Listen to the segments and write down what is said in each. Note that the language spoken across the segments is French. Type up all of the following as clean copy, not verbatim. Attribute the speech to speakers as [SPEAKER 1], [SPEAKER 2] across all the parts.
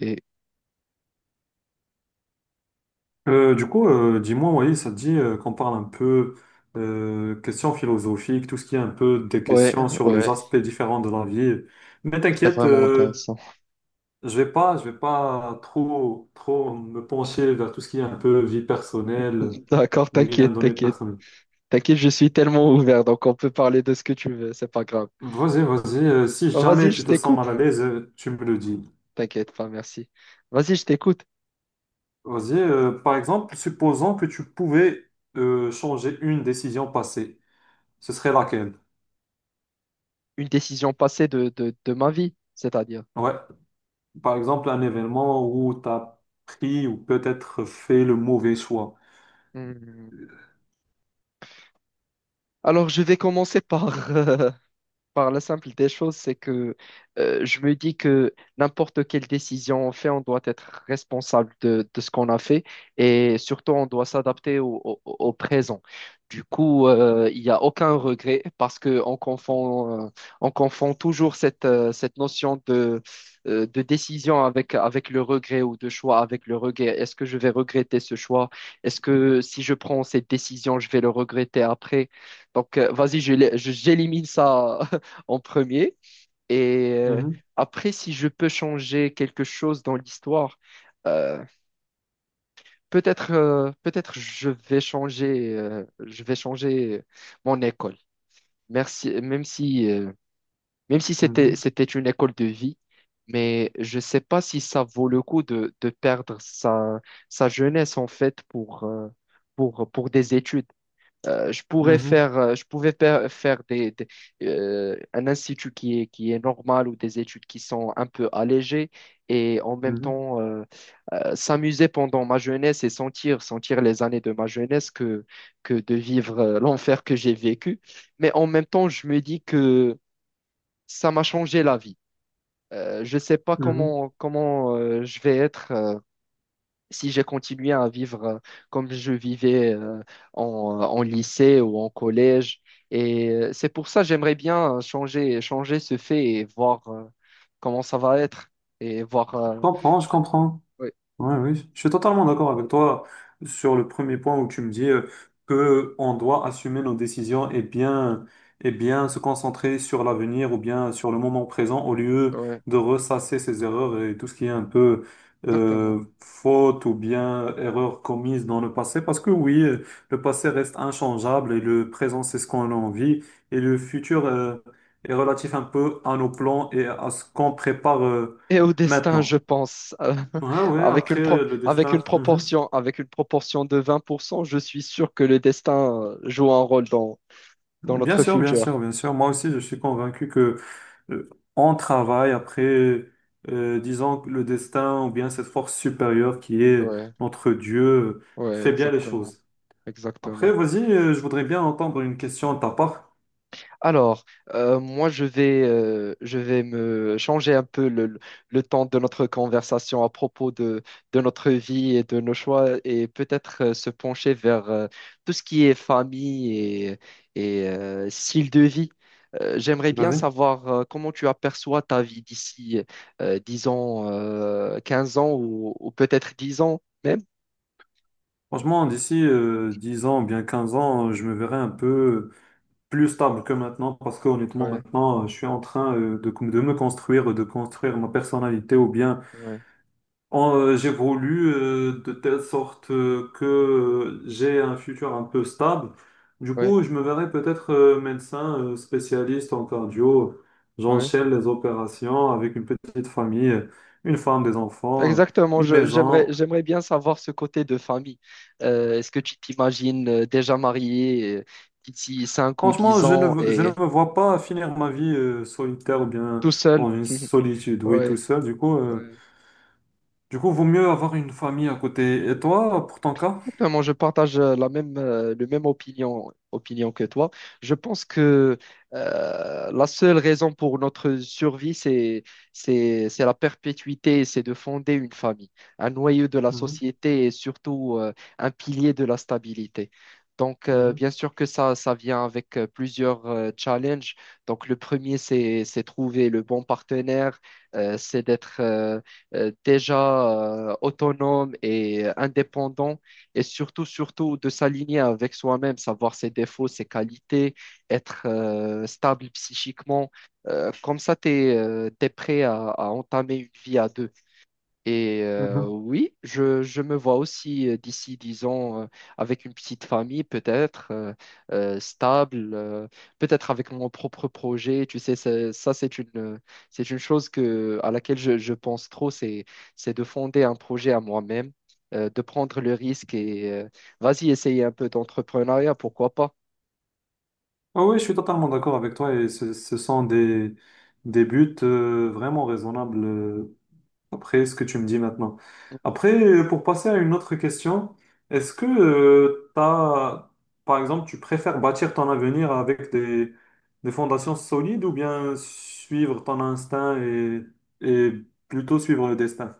[SPEAKER 1] Et
[SPEAKER 2] Dis-moi, oui, ça te dit qu'on parle un peu questions philosophiques, tout ce qui est un peu des
[SPEAKER 1] ouais,
[SPEAKER 2] questions sur les
[SPEAKER 1] ouais,
[SPEAKER 2] aspects différents de la vie. Mais
[SPEAKER 1] c'est
[SPEAKER 2] t'inquiète,
[SPEAKER 1] vraiment intéressant.
[SPEAKER 2] je vais pas trop me pencher vers tout ce qui est un peu vie personnelle,
[SPEAKER 1] D'accord,
[SPEAKER 2] ou bien
[SPEAKER 1] t'inquiète,
[SPEAKER 2] données
[SPEAKER 1] t'inquiète.
[SPEAKER 2] personnelles.
[SPEAKER 1] T'inquiète, je suis tellement ouvert, donc on peut parler de ce que tu veux, c'est pas grave.
[SPEAKER 2] Vas-y, vas-y. Si
[SPEAKER 1] Oh, vas-y,
[SPEAKER 2] jamais
[SPEAKER 1] je
[SPEAKER 2] tu te sens
[SPEAKER 1] t'écoute.
[SPEAKER 2] mal à l'aise, tu me le dis.
[SPEAKER 1] T'inquiète pas, merci. Vas-y, je t'écoute.
[SPEAKER 2] Vas-y. Par exemple, supposons que tu pouvais changer une décision passée, ce serait laquelle?
[SPEAKER 1] Une décision passée de ma vie, c'est-à-dire.
[SPEAKER 2] Ouais. Par exemple, un événement où tu as pris ou peut-être fait le mauvais choix.
[SPEAKER 1] Hmm. Alors, je vais commencer par la simple des choses, c'est que je me dis que n'importe quelle décision on fait, on doit être responsable de ce qu'on a fait et surtout on doit s'adapter au présent. Du coup, il n'y a aucun regret parce qu'on confond toujours cette notion de décision avec le regret ou de choix avec le regret. Est-ce que je vais regretter ce choix? Est-ce que si je prends cette décision, je vais le regretter après? Donc, vas-y, j'élimine ça en premier. Et euh,
[SPEAKER 2] Mhm,
[SPEAKER 1] Après, si je peux changer quelque chose dans l'histoire, euh, peut-être je vais changer mon école. Merci, même si
[SPEAKER 2] mhm,
[SPEAKER 1] c'était une école de vie, mais je ne sais pas si ça vaut le coup de perdre sa jeunesse en fait pour des études. Je pourrais
[SPEAKER 2] mhm,
[SPEAKER 1] faire, je pouvais pa- faire un institut qui est normal ou des études qui sont un peu allégées et en même
[SPEAKER 2] mhm,
[SPEAKER 1] temps s'amuser pendant ma jeunesse et sentir les années de ma jeunesse que de vivre l'enfer que j'ai vécu. Mais en même temps, je me dis que ça m'a changé la vie. Je ne sais pas
[SPEAKER 2] mhm.
[SPEAKER 1] comment je vais être, si j'ai continué à vivre comme je vivais en lycée ou en collège. Et c'est pour ça que j'aimerais bien changer ce fait et voir comment ça va être. Et voir.
[SPEAKER 2] Je comprends, je comprends.
[SPEAKER 1] Ouais,
[SPEAKER 2] Ouais, oui, je suis totalement d'accord avec toi sur le premier point où tu me dis que on doit assumer nos décisions et bien se concentrer sur l'avenir ou bien sur le moment présent au lieu
[SPEAKER 1] ouais,
[SPEAKER 2] de ressasser ses erreurs et tout ce qui est un peu
[SPEAKER 1] exactement.
[SPEAKER 2] faute ou bien erreur commise dans le passé. Parce que oui, le passé reste inchangeable et le présent, c'est ce qu'on a envie et le futur est relatif un peu à nos plans et à ce qu'on prépare
[SPEAKER 1] Et au destin,
[SPEAKER 2] maintenant.
[SPEAKER 1] je pense,
[SPEAKER 2] Ouais, ouais,
[SPEAKER 1] avec une
[SPEAKER 2] après
[SPEAKER 1] pro-
[SPEAKER 2] le destin. Mhm.
[SPEAKER 1] avec une proportion de 20% je suis sûr que le destin joue un rôle dans
[SPEAKER 2] Bien
[SPEAKER 1] notre
[SPEAKER 2] sûr, bien
[SPEAKER 1] futur.
[SPEAKER 2] sûr, bien sûr. Moi aussi, je suis convaincu que euh, on travaille après, disons, que le destin ou bien cette force supérieure qui est
[SPEAKER 1] Ouais,
[SPEAKER 2] notre Dieu
[SPEAKER 1] ouais,
[SPEAKER 2] fait bien les
[SPEAKER 1] exactement,
[SPEAKER 2] choses. Après,
[SPEAKER 1] exactement.
[SPEAKER 2] vas-y, je voudrais bien entendre une question de ta part.
[SPEAKER 1] Alors, moi, je vais me changer un peu le temps de notre conversation à propos de notre vie et de nos choix et peut-être se pencher vers tout ce qui est famille et style de vie. J'aimerais bien
[SPEAKER 2] Vas-y.
[SPEAKER 1] savoir comment tu aperçois ta vie d'ici 10 ans, 15 ans ou peut-être 10 ans même.
[SPEAKER 2] Franchement, d'ici 10 ans, ou bien 15 ans, je me verrai un peu plus stable que maintenant parce que honnêtement,
[SPEAKER 1] Ouais,
[SPEAKER 2] maintenant, je suis en train de me construire, de construire ma personnalité ou bien.
[SPEAKER 1] ouais,
[SPEAKER 2] J'évolue de telle sorte que j'ai un futur un peu stable. Du
[SPEAKER 1] ouais,
[SPEAKER 2] coup, je me verrai peut-être médecin spécialiste en cardio.
[SPEAKER 1] ouais.
[SPEAKER 2] J'enchaîne les opérations avec une petite famille, une femme, des enfants,
[SPEAKER 1] Exactement,
[SPEAKER 2] une maison.
[SPEAKER 1] j'aimerais bien savoir ce côté de famille. Est-ce que tu t'imagines déjà marié d'ici 5 ou
[SPEAKER 2] Franchement,
[SPEAKER 1] 10 ans
[SPEAKER 2] je ne
[SPEAKER 1] et
[SPEAKER 2] me vois pas finir ma vie solitaire ou bien
[SPEAKER 1] tout seul?
[SPEAKER 2] dans une solitude, oui, tout
[SPEAKER 1] Ouais,
[SPEAKER 2] seul. Du coup, euh,
[SPEAKER 1] ouais.
[SPEAKER 2] du coup, vaut mieux avoir une famille à côté. Et toi, pour ton cas?
[SPEAKER 1] Exactement, je partage la le même opinion, opinion que toi. Je pense que la seule raison pour notre survie, c'est la perpétuité, c'est de fonder une famille, un noyau de la
[SPEAKER 2] Mhm,
[SPEAKER 1] société et surtout un pilier de la stabilité. Donc,
[SPEAKER 2] mhm,
[SPEAKER 1] bien sûr que ça vient avec plusieurs challenges. Donc, le premier, c'est trouver le bon partenaire, c'est d'être déjà autonome et indépendant et surtout de s'aligner avec soi-même, savoir ses défauts, ses qualités, être stable psychiquement. Comme ça, tu es prêt à entamer une vie à deux. Et
[SPEAKER 2] mhm.
[SPEAKER 1] oui, je me vois aussi d'ici 10 ans, avec une petite famille, peut-être stable, peut-être avec mon propre projet. Tu sais, c'est une chose à laquelle je pense trop, c'est de fonder un projet à moi-même, de prendre le risque et vas-y, essayer un peu d'entrepreneuriat, pourquoi pas.
[SPEAKER 2] Ah oui, je suis totalement d'accord avec toi et ce sont des buts vraiment raisonnables après ce que tu me dis maintenant. Après, pour passer à une autre question, est-ce que par exemple, tu préfères bâtir ton avenir avec des fondations solides ou bien suivre ton instinct et plutôt suivre le destin?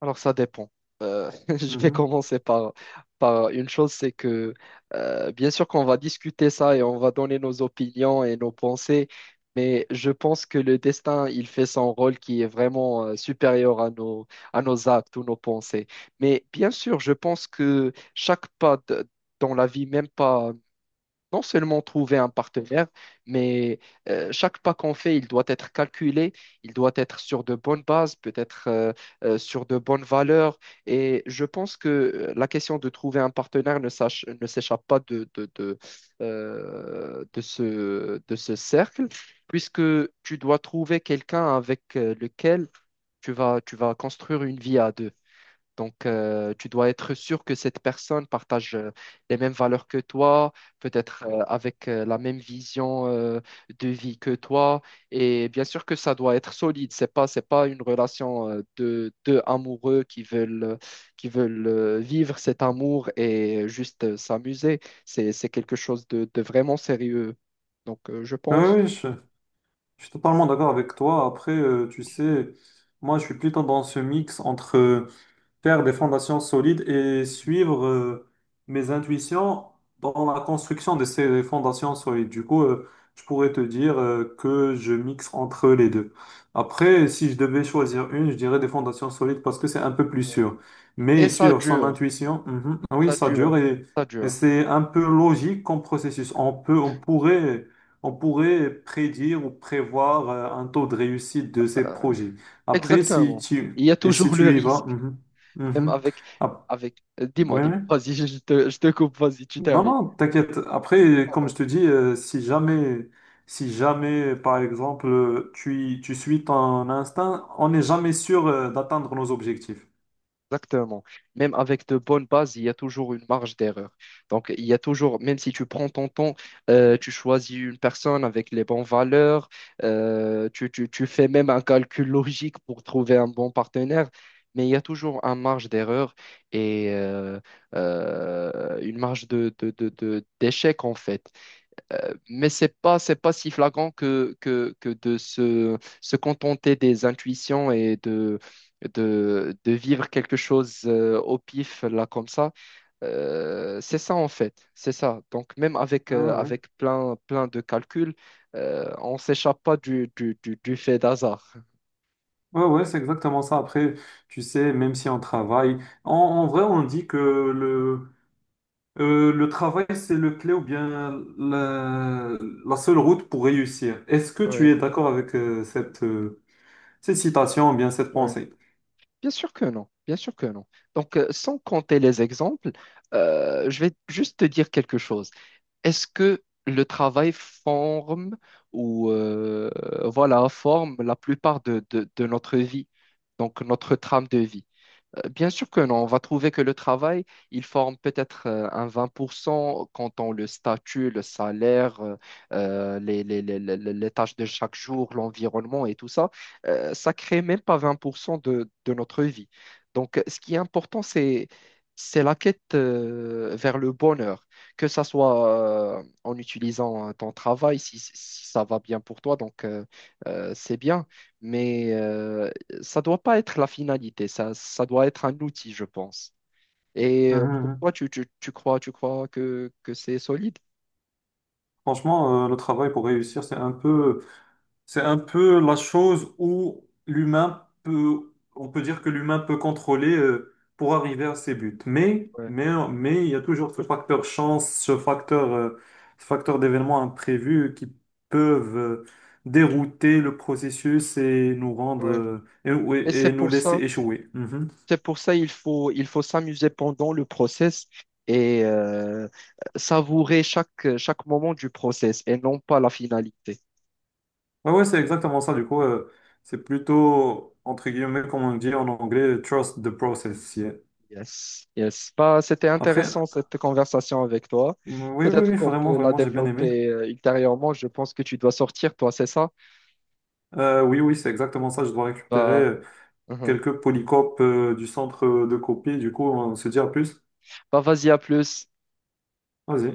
[SPEAKER 1] Alors ça dépend. Euh, je vais
[SPEAKER 2] Mhm.
[SPEAKER 1] commencer par une chose, c'est que bien sûr qu'on va discuter ça et on va donner nos opinions et nos pensées, mais je pense que le destin, il fait son rôle qui est vraiment supérieur à nos actes ou nos pensées. Mais bien sûr, je pense que chaque pas dans la vie, même pas non seulement trouver un partenaire, mais chaque pas qu'on fait, il doit être calculé, il doit être sur de bonnes bases, peut-être sur de bonnes valeurs. Et je pense que la question de trouver un partenaire ne s'échappe pas de ce cercle, puisque tu dois trouver quelqu'un avec lequel tu vas construire une vie à deux. Donc, tu dois être sûr que cette personne partage les mêmes valeurs que toi, peut-être avec la même vision de vie que toi. Et bien sûr que ça doit être solide. C'est pas une relation de deux amoureux qui veulent vivre cet amour et juste s'amuser. C'est quelque chose de vraiment sérieux. Donc, je
[SPEAKER 2] Oui,
[SPEAKER 1] pense.
[SPEAKER 2] oui, je suis totalement d'accord avec toi. Après, tu sais, moi, je suis plutôt dans ce mix entre faire des fondations solides et
[SPEAKER 1] Mhm.
[SPEAKER 2] suivre mes intuitions dans la construction de ces fondations solides. Du coup, je pourrais te dire que je mixe entre les deux. Après, si je devais choisir une, je dirais des fondations solides parce que c'est un peu plus
[SPEAKER 1] Ouais.
[SPEAKER 2] sûr.
[SPEAKER 1] Et
[SPEAKER 2] Mais
[SPEAKER 1] ça
[SPEAKER 2] suivre son
[SPEAKER 1] dure,
[SPEAKER 2] intuition, mhm, oui,
[SPEAKER 1] ça
[SPEAKER 2] ça
[SPEAKER 1] dure,
[SPEAKER 2] dure
[SPEAKER 1] ça
[SPEAKER 2] et
[SPEAKER 1] dure.
[SPEAKER 2] c'est un peu logique comme processus. On pourrait prédire ou prévoir un taux de réussite de ces
[SPEAKER 1] Euh,
[SPEAKER 2] projets. Après, si
[SPEAKER 1] Exactement.
[SPEAKER 2] tu,
[SPEAKER 1] Il y a
[SPEAKER 2] et si
[SPEAKER 1] toujours le
[SPEAKER 2] tu y vas,
[SPEAKER 1] risque.
[SPEAKER 2] mhm.
[SPEAKER 1] Même
[SPEAKER 2] Mhm.
[SPEAKER 1] avec,
[SPEAKER 2] Ah,
[SPEAKER 1] avec, euh, dis-moi,
[SPEAKER 2] oui,
[SPEAKER 1] dis-moi,
[SPEAKER 2] oui.
[SPEAKER 1] vas-y, je te, coupe, vas-y, tu
[SPEAKER 2] Non,
[SPEAKER 1] termines.
[SPEAKER 2] non, t'inquiète. Après, comme
[SPEAKER 1] D'accord.
[SPEAKER 2] je te dis, si jamais, par exemple, tu suis ton instinct, on n'est jamais sûr, d'atteindre nos objectifs.
[SPEAKER 1] Exactement. Même avec de bonnes bases, il y a toujours une marge d'erreur. Donc, il y a toujours, même si tu prends ton temps, tu choisis une personne avec les bonnes valeurs, tu fais même un calcul logique pour trouver un bon partenaire, mais il y a toujours une marge d'erreur et une marge d'échec, en fait. Mais c'est pas si flagrant que de se contenter des intuitions et de vivre quelque chose au pif là comme ça. C'est ça en fait c'est ça, donc même avec
[SPEAKER 2] Ah ouais, ouais.
[SPEAKER 1] avec plein plein de calculs on s'échappe pas du fait d'hasard.
[SPEAKER 2] Ouais, ouais, c'est exactement ça. Après, tu sais, même si on travaille, en vrai, on dit que le travail, c'est le clé ou bien la, la seule route pour réussir. Est-ce que tu
[SPEAKER 1] Ouais,
[SPEAKER 2] es d'accord avec, cette citation ou bien cette
[SPEAKER 1] ouais.
[SPEAKER 2] pensée?
[SPEAKER 1] Bien sûr que non, bien sûr que non. Donc, sans compter les exemples, je vais juste te dire quelque chose. Est-ce que le travail forme ou voilà, forme la plupart de notre vie, donc notre trame de vie? Bien sûr que non, on va trouver que le travail, il forme peut-être un 20% quand on le statut, le salaire, les tâches de chaque jour, l'environnement et tout ça. Ça crée même pas 20% de notre vie. Donc, ce qui est important, c'est la quête vers le bonheur, que ça soit en utilisant ton travail, si ça va bien pour toi, donc c'est bien. Mais ça doit pas être la finalité, ça doit être un outil, je pense. Et pourquoi tu crois, que c'est solide?
[SPEAKER 2] Franchement, le travail pour réussir, c'est un peu la chose où on peut dire que l'humain peut contrôler, pour arriver à ses buts. Mais,
[SPEAKER 1] Ouais,
[SPEAKER 2] mais, mais il y a toujours ce facteur chance, ce facteur d'événements imprévus qui peuvent, dérouter le processus et nous rendre,
[SPEAKER 1] ouais.
[SPEAKER 2] ouais,
[SPEAKER 1] Et c'est
[SPEAKER 2] nous
[SPEAKER 1] pour
[SPEAKER 2] laisser
[SPEAKER 1] ça,
[SPEAKER 2] échouer. Mhm.
[SPEAKER 1] c'est pour ça il faut s'amuser pendant le process et savourer chaque moment du process et non pas la finalité.
[SPEAKER 2] Ouais, ouais, c'est exactement ça. Du coup, c'est plutôt, entre guillemets, comme on dit en anglais, trust the process. Yeah.
[SPEAKER 1] Yes, yes. Bah, c'était
[SPEAKER 2] Après,
[SPEAKER 1] intéressant cette conversation avec toi.
[SPEAKER 2] oui, oui,
[SPEAKER 1] Peut-être
[SPEAKER 2] oui,
[SPEAKER 1] qu'on
[SPEAKER 2] vraiment,
[SPEAKER 1] peut la
[SPEAKER 2] vraiment, j'ai bien aimé.
[SPEAKER 1] développer ultérieurement. Je pense que tu dois sortir, toi, c'est ça?
[SPEAKER 2] Oui, oui, c'est exactement ça. Je dois
[SPEAKER 1] Bah,
[SPEAKER 2] récupérer
[SPEAKER 1] mhm.
[SPEAKER 2] quelques polycopes du centre de copie. Du coup, on se dit à plus.
[SPEAKER 1] Bah, vas-y, à plus.
[SPEAKER 2] Vas-y.